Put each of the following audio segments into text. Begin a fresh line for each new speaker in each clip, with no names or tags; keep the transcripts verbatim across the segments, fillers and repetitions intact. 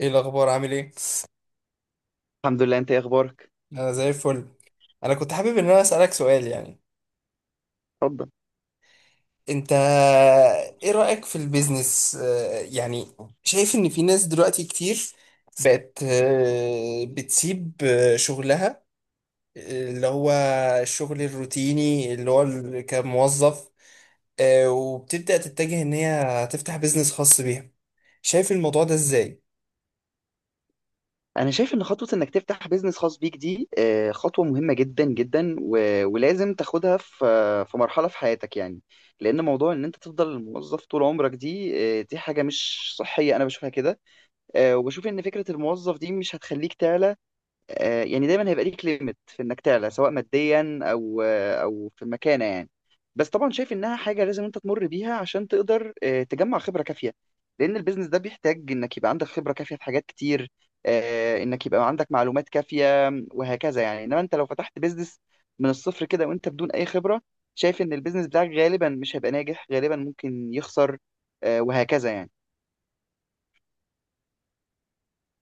ايه الاخبار؟ عامل ايه؟
الحمد لله. انت ايه اخبارك؟
انا زي الفل. انا كنت حابب ان انا اسالك سؤال، يعني.
اتفضل.
انت، ايه رايك في البيزنس، آه، يعني؟ شايف ان في ناس دلوقتي كتير بقت آه، بتسيب آه، شغلها، آه، اللي هو الشغل الروتيني، اللي هو ال- كموظف، آه، وبتبدا تتجه ان هي تفتح بيزنس خاص بيها. شايف الموضوع ده ازاي؟
انا شايف ان خطوه انك تفتح بيزنس خاص بيك دي آه، خطوه مهمه جدا جدا و- ولازم تاخدها في آه، في مرحله في حياتك يعني. لان موضوع ان انت تفضل موظف طول عمرك دي، آه، دي حاجه مش صحيه انا بشوفها كده. آه، وبشوف ان فكره الموظف دي مش هتخليك تعلى. آه، يعني دايما هيبقى ليك ليميت في انك تعلى سواء ماديا او آه، او في المكانه يعني. بس طبعا شايف انها حاجه لازم انت تمر بيها عشان تقدر آه، تجمع خبره كافيه، لان البيزنس ده بيحتاج انك يبقى عندك خبره كافيه في حاجات كتير، آه، انك يبقى عندك معلومات كافيه وهكذا يعني. انما انت لو فتحت بيزنس من الصفر كده وانت بدون اي خبره، شايف ان البيزنس بتاعك غالبا مش هيبقى ناجح، غالبا ممكن يخسر، آه، وهكذا يعني.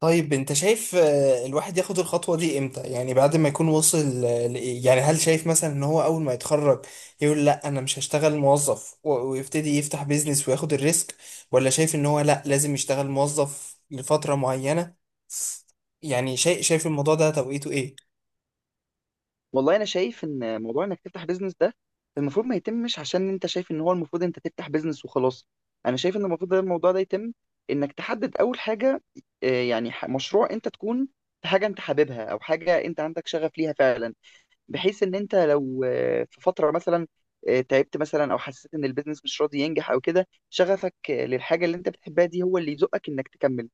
طيب انت شايف، آه، الواحد ياخد الخطوة دي امتى؟ يعني بعد ما يكون وصل، آه، ل- يعني هل شايف مثلا ان هو اول ما يتخرج يقول لا، انا مش هشتغل موظف، و- ويبتدي يفتح بيزنس وياخد الريسك؟ ولا شايف ان هو لا، لازم يشتغل موظف لفترة معينة؟ يعني شايف شايف الموضوع ده توقيته ايه؟
والله انا شايف ان موضوع انك تفتح بيزنس ده المفروض ما يتمش عشان انت شايف ان هو المفروض انت تفتح بيزنس وخلاص. انا شايف ان المفروض ده الموضوع ده يتم انك تحدد اول حاجه، آه، يعني ح- مشروع انت تكون في حاجه انت حاببها او حاجه انت عندك شغف ليها فعلا، بحيث ان انت لو آه، في فتره مثلا آه، تعبت مثلا او حسيت ان البيزنس مش راضي ينجح او كده، شغفك آه، للحاجه اللي انت بتحبها دي هو اللي يزقك انك تكمل.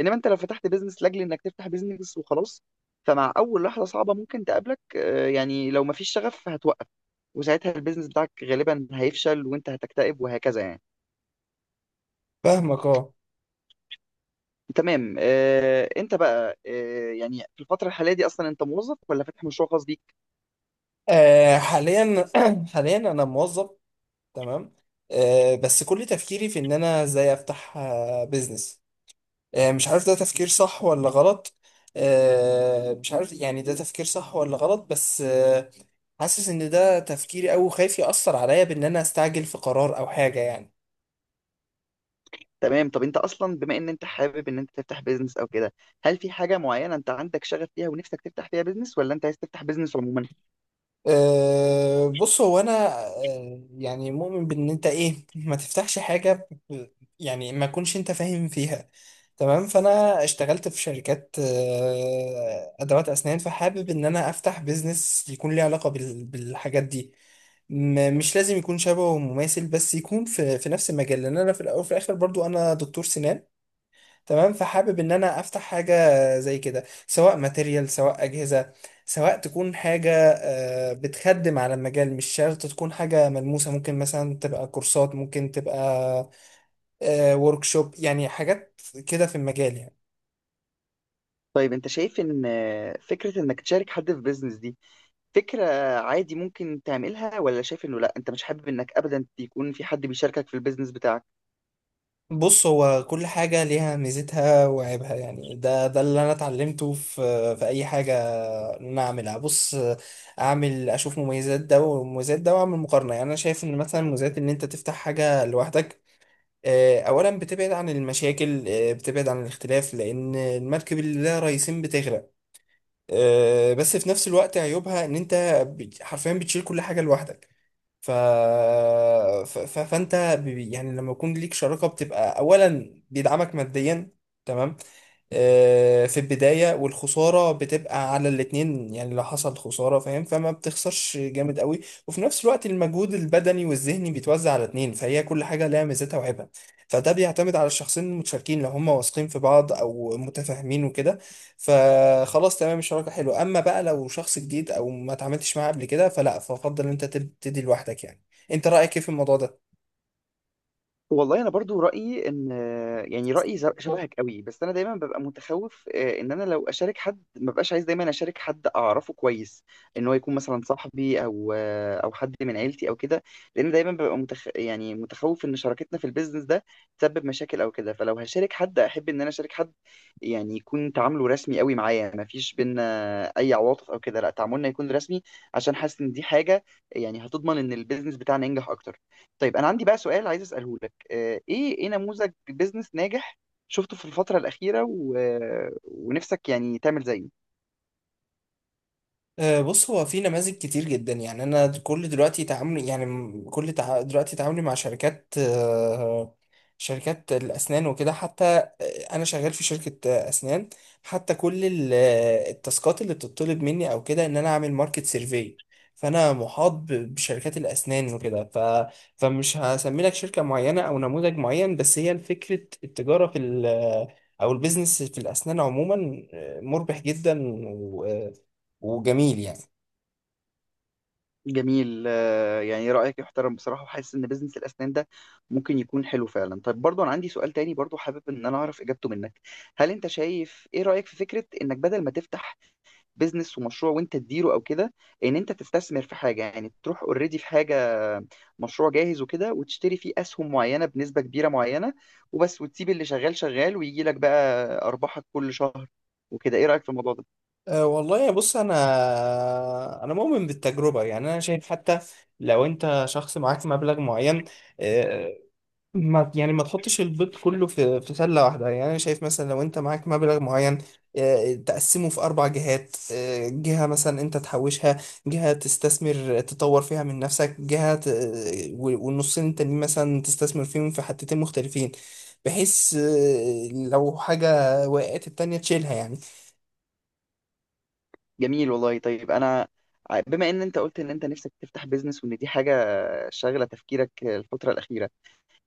انما انت لو فتحت بيزنس لاجل انك تفتح بيزنس وخلاص، فمع اول لحظه صعبه ممكن تقابلك آه، يعني لو مفيش شغف هتوقف، وساعتها البيزنس بتاعك غالبا هيفشل وانت هتكتئب وهكذا يعني.
فاهمك، اه.
تمام. آه، انت بقى آه، يعني في الفتره الحاليه دي اصلا انت موظف ولا فاتح مشروع خاص بيك؟
آه، حاليا حاليا انا موظف، تمام. آه، بس كل تفكيري في ان انا ازاي افتح بيزنس. آه، مش عارف ده تفكير صح ولا غلط. آه، مش عارف يعني ده تفكير صح ولا غلط، بس آه، حاسس ان ده تفكيري، او خايف يأثر عليا بان انا استعجل في قرار او حاجة، يعني.
تمام. طب انت اصلا بما ان انت حابب ان انت تفتح بيزنس او كده، هل في حاجه معينه انت عندك شغف فيها ونفسك تفتح فيها بيزنس، ولا انت عايز تفتح بيزنس عموما؟
أه، بص، هو انا، أه، يعني مؤمن بان انت، ايه، ما تفتحش حاجة ب- يعني ما كنش انت فاهم فيها. تمام. فانا اشتغلت في شركات، أه، ادوات اسنان، فحابب ان انا افتح بيزنس يكون ليه علاقة بال- بالحاجات دي. م- مش لازم يكون شبهه مماثل، بس يكون في في نفس المجال، لان انا في الاول وفي الاخر برضو انا دكتور سنان. تمام. فحابب ان انا افتح حاجه زي كده، سواء ماتيريال، سواء اجهزه، سواء تكون حاجه آه، بتخدم على المجال. مش شرط تكون حاجه ملموسه، ممكن مثلا تبقى كورسات، ممكن تبقى ورك شوب، يعني حاجات كده في المجال، يعني.
طيب انت شايف ان آه، فكره انك تشارك حد في بيزنس دي فكره عادي ممكن تعملها، ولا شايف انه لا انت مش حابب انك ابدا يكون في حد بيشاركك في البيزنس بتاعك؟
بص، هو كل حاجة ليها ميزتها وعيبها. يعني ده ده اللي أنا اتعلمته في في أي حاجة إن أنا أعملها. بص، أعمل أشوف مميزات ده ومميزات ده، وأعمل مقارنة. يعني أنا شايف إن مثلا مميزات إن أنت تفتح حاجة لوحدك، آه، أولا بتبعد عن المشاكل، آه، بتبعد عن الاختلاف، لأن المركب اللي لها رئيسين بتغرق. آه، بس في نفس الوقت عيوبها إن أنت بت- حرفيا بتشيل كل حاجة لوحدك. ف... ف... ف... فانت، ب- يعني لما يكون ليك شراكه، بتبقى اولا بيدعمك ماديا، تمام. آه، في البدايه، والخساره بتبقى على الاتنين، يعني لو حصل خساره، فاهم؟ فما بتخسرش جامد قوي. وفي نفس الوقت المجهود البدني والذهني بيتوزع على اتنين. فهي كل حاجه لها ميزتها وعيبها. فده بيعتمد على الشخصين المتشاركين، لو هم واثقين في بعض او متفاهمين وكده، فخلاص تمام الشراكه حلوه. اما بقى لو شخص جديد او ما اتعاملتش معاه قبل كده، فلا، فافضل ان انت تبتدي لوحدك، يعني. انت رايك ايه في الموضوع ده؟
والله انا برضو رايي ان، يعني رايي ز- شبهك قوي، بس انا دايما ببقى متخوف آه، ان انا لو اشارك حد، ما ببقاش عايز دايما اشارك حد اعرفه كويس، ان هو يكون مثلا صاحبي او آه، او حد من عيلتي او كده، لان دايما ببقى متخ... يعني متخوف ان شراكتنا في البيزنس ده تسبب مشاكل او كده. فلو هشارك حد احب ان انا اشارك حد يعني يكون تعامله رسمي قوي معايا، ما فيش بينا اي عواطف او كده، لا تعاملنا يكون رسمي، عشان حاسس ان دي حاجه يعني هتضمن ان البيزنس بتاعنا ينجح اكتر. طيب انا عندي بقى سؤال عايز اساله لك، آه، ايه ايه نموذج بيزنس ناجح شفته في الفترة الأخيرة و... ونفسك يعني تعمل زيه؟
آه، بص، هو في نماذج كتير جدا. يعني انا كل دلوقتي تعاملي، يعني م- كل تع... دلوقتي تعاملي مع شركات، آه، شركات الاسنان وكده. حتى آه، انا شغال في شركة آه، اسنان. حتى كل ال- آه، التاسكات اللي بتطلب مني او كده ان انا اعمل ماركت سيرفي، فانا محاط ب- بشركات الاسنان وكده. ف... فمش هسمي لك شركة معينة او نموذج معين، بس هي فكرة التجارة في ال... آه، او البيزنس في الاسنان عموما آه، مربح جدا وجميل، يعني.
جميل. آه، يعني رأيك يحترم بصراحة، وحاسس إن بيزنس الأسنان ده ممكن يكون حلو فعلا. طيب برضو أنا عندي سؤال تاني، برضو حابب إن أنا أعرف إجابته منك. هل أنت شايف إيه رأيك في فكرة إنك بدل ما تفتح بيزنس ومشروع وانت تديره او كده، ان انت تستثمر في حاجه، يعني تروح اوريدي في حاجه، مشروع جاهز وكده، وتشتري فيه اسهم معينه بنسبه كبيره معينه وبس، وتسيب اللي شغال شغال ويجي لك بقى ارباحك كل شهر وكده؟ ايه رايك في الموضوع ده؟
أه، والله، بص، انا انا مؤمن بالتجربه. يعني انا شايف، حتى لو انت شخص معاك مبلغ معين، أه، ما يعني ما تحطش البيض كله في في سله واحده. يعني انا شايف مثلا لو انت معاك مبلغ معين، أه، تقسمه في اربع جهات. أه، جهه مثلا انت تحوشها، جهه تستثمر تطور فيها من نفسك، جهه ت- و- والنصين التانيين مثلا تستثمر فيهم في حتتين مختلفين، بحيث أه لو حاجه وقعت، التانيه تشيلها، يعني.
جميل والله. طيب انا ع- بما ان انت قلت ان انت نفسك تفتح بيزنس وان دي حاجه شاغله تفكيرك الفتره الاخيره،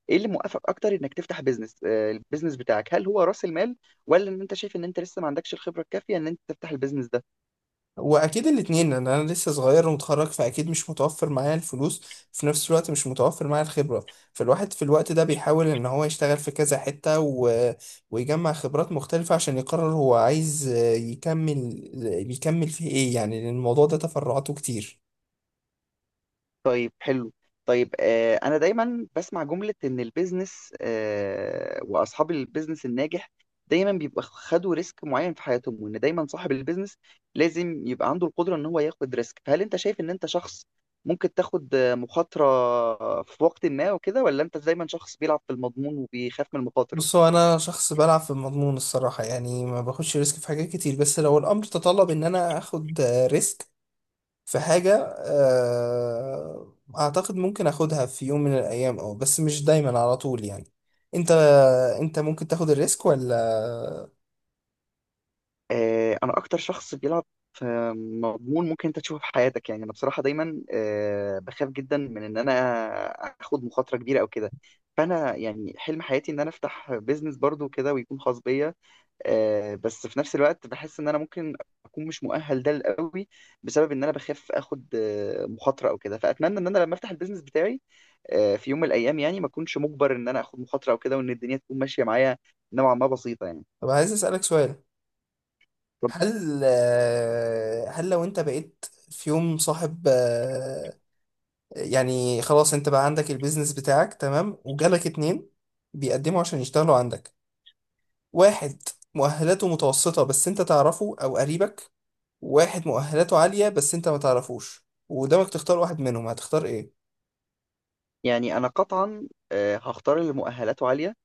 ايه اللي موقفك اكتر انك تفتح بيزنس، آه، البيزنس بتاعك؟ هل هو راس المال، ولا ان انت شايف ان انت لسه ما عندكش الخبره الكافيه ان انت تفتح البيزنس ده؟
واكيد الاتنين، لان انا لسه صغير ومتخرج، فاكيد مش متوفر معايا الفلوس، في نفس الوقت مش متوفر معايا الخبره. فالواحد في الوقت ده بيحاول ان هو يشتغل في كذا حته و... ويجمع خبرات مختلفه، عشان يقرر هو عايز، آه، يكمل يكمل في ايه، يعني. لان الموضوع ده تفرعاته كتير.
طيب حلو. طيب آه، انا دايما بسمع جملة ان البيزنس آه واصحاب البيزنس الناجح دايما بيبقى خدوا ريسك معين في حياتهم، وان دايما صاحب البيزنس لازم يبقى عنده القدرة ان هو ياخد ريسك. فهل انت شايف ان انت شخص ممكن تاخد آه، مخاطرة في وقت ما وكده، ولا انت دايما شخص بيلعب في المضمون وبيخاف من المخاطر؟
بص، هو انا شخص بلعب في المضمون، الصراحه. يعني ما باخدش ريسك في حاجات كتير، بس لو الامر تطلب ان انا اخد ريسك في حاجة، آه، أعتقد ممكن أخدها في يوم من الأيام. أه، بس مش دايما على طول، يعني. أنت أنت ممكن تاخد الريسك ولا؟
آه، انا اكتر شخص بيلعب في مضمون ممكن انت تشوفه في حياتك يعني. انا بصراحه دايما آه، بخاف جدا من ان انا اخد مخاطره كبيره او كده. فانا يعني حلم حياتي ان انا افتح بيزنس برضو كده ويكون خاص بيا، آه، بس في نفس الوقت بحس ان انا ممكن اكون مش مؤهل ده قوي، بسبب ان انا بخاف اخد آه، مخاطره او كده. فاتمنى ان انا لما افتح البيزنس بتاعي آه، في يوم من الايام يعني، ما اكونش مجبر ان انا اخد مخاطره او كده، وان الدنيا تكون ماشيه معايا نوعا ما بسيطه يعني.
طب عايز أسألك سؤال. هل آه، هل لو أنت بقيت في يوم صاحب، آه، يعني خلاص أنت بقى عندك البيزنس بتاعك، تمام، وجالك اتنين بيقدموا عشان يشتغلوا عندك: واحد مؤهلاته متوسطة بس أنت تعرفه أو قريبك، واحد مؤهلاته عالية بس انت ما تعرفوش، وقدامك تختار واحد منهم، هتختار ايه؟
يعني انا قطعا آه، هختار اللي مؤهلاته عاليه.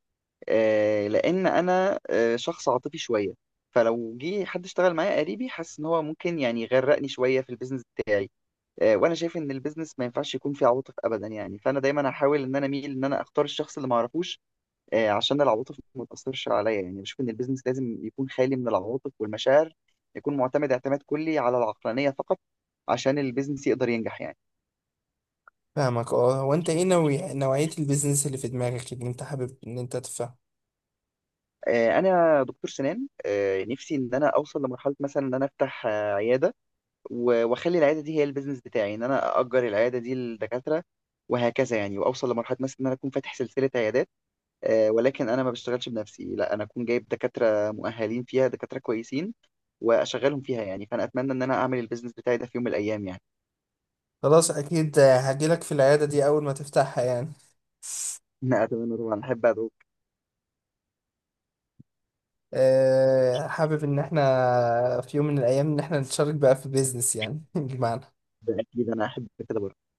آه، لان انا آه، شخص عاطفي شويه، فلو جه حد اشتغل معايا قريبي، حاسس ان هو ممكن يعني يغرقني شويه في البيزنس بتاعي. آه، وانا شايف ان البيزنس ما ينفعش يكون فيه عواطف ابدا يعني. فانا دايما هحاول ان انا اميل ان انا اختار الشخص اللي ما اعرفوش، آه، عشان العواطف ما تاثرش عليا يعني. بشوف ان البيزنس لازم يكون خالي من العواطف والمشاعر، يكون معتمد اعتماد كلي على العقلانيه فقط عشان البيزنس يقدر ينجح يعني.
فاهمك، اه. هو انت ايه نوعي... نوعية البيزنس اللي في دماغك، اللي انت حابب ان انت تفهم؟
آه، انا دكتور سنان. آه، نفسي ان انا اوصل لمرحله مثلا ان انا افتح آه، عياده، و- واخلي العياده دي هي البيزنس بتاعي، ان انا اجر العياده دي للدكاتره وهكذا يعني. واوصل لمرحله مثلا ان انا اكون فاتح سلسله عيادات، آه، ولكن انا ما بشتغلش بنفسي، لا انا اكون جايب دكاتره مؤهلين فيها، دكاتره كويسين واشغلهم فيها يعني. فانا اتمنى ان انا اعمل البيزنس بتاعي ده في يوم من الايام يعني.
خلاص، اكيد هجيلك في العيادة دي اول ما تفتحها، يعني.
لا اتمنى طبعا، احب ادعوك.
أه، حابب ان احنا في يوم من الايام ان احنا نتشارك بقى في بيزنس، يعني بمعنى
ده اكيد، انا احب كده برضه.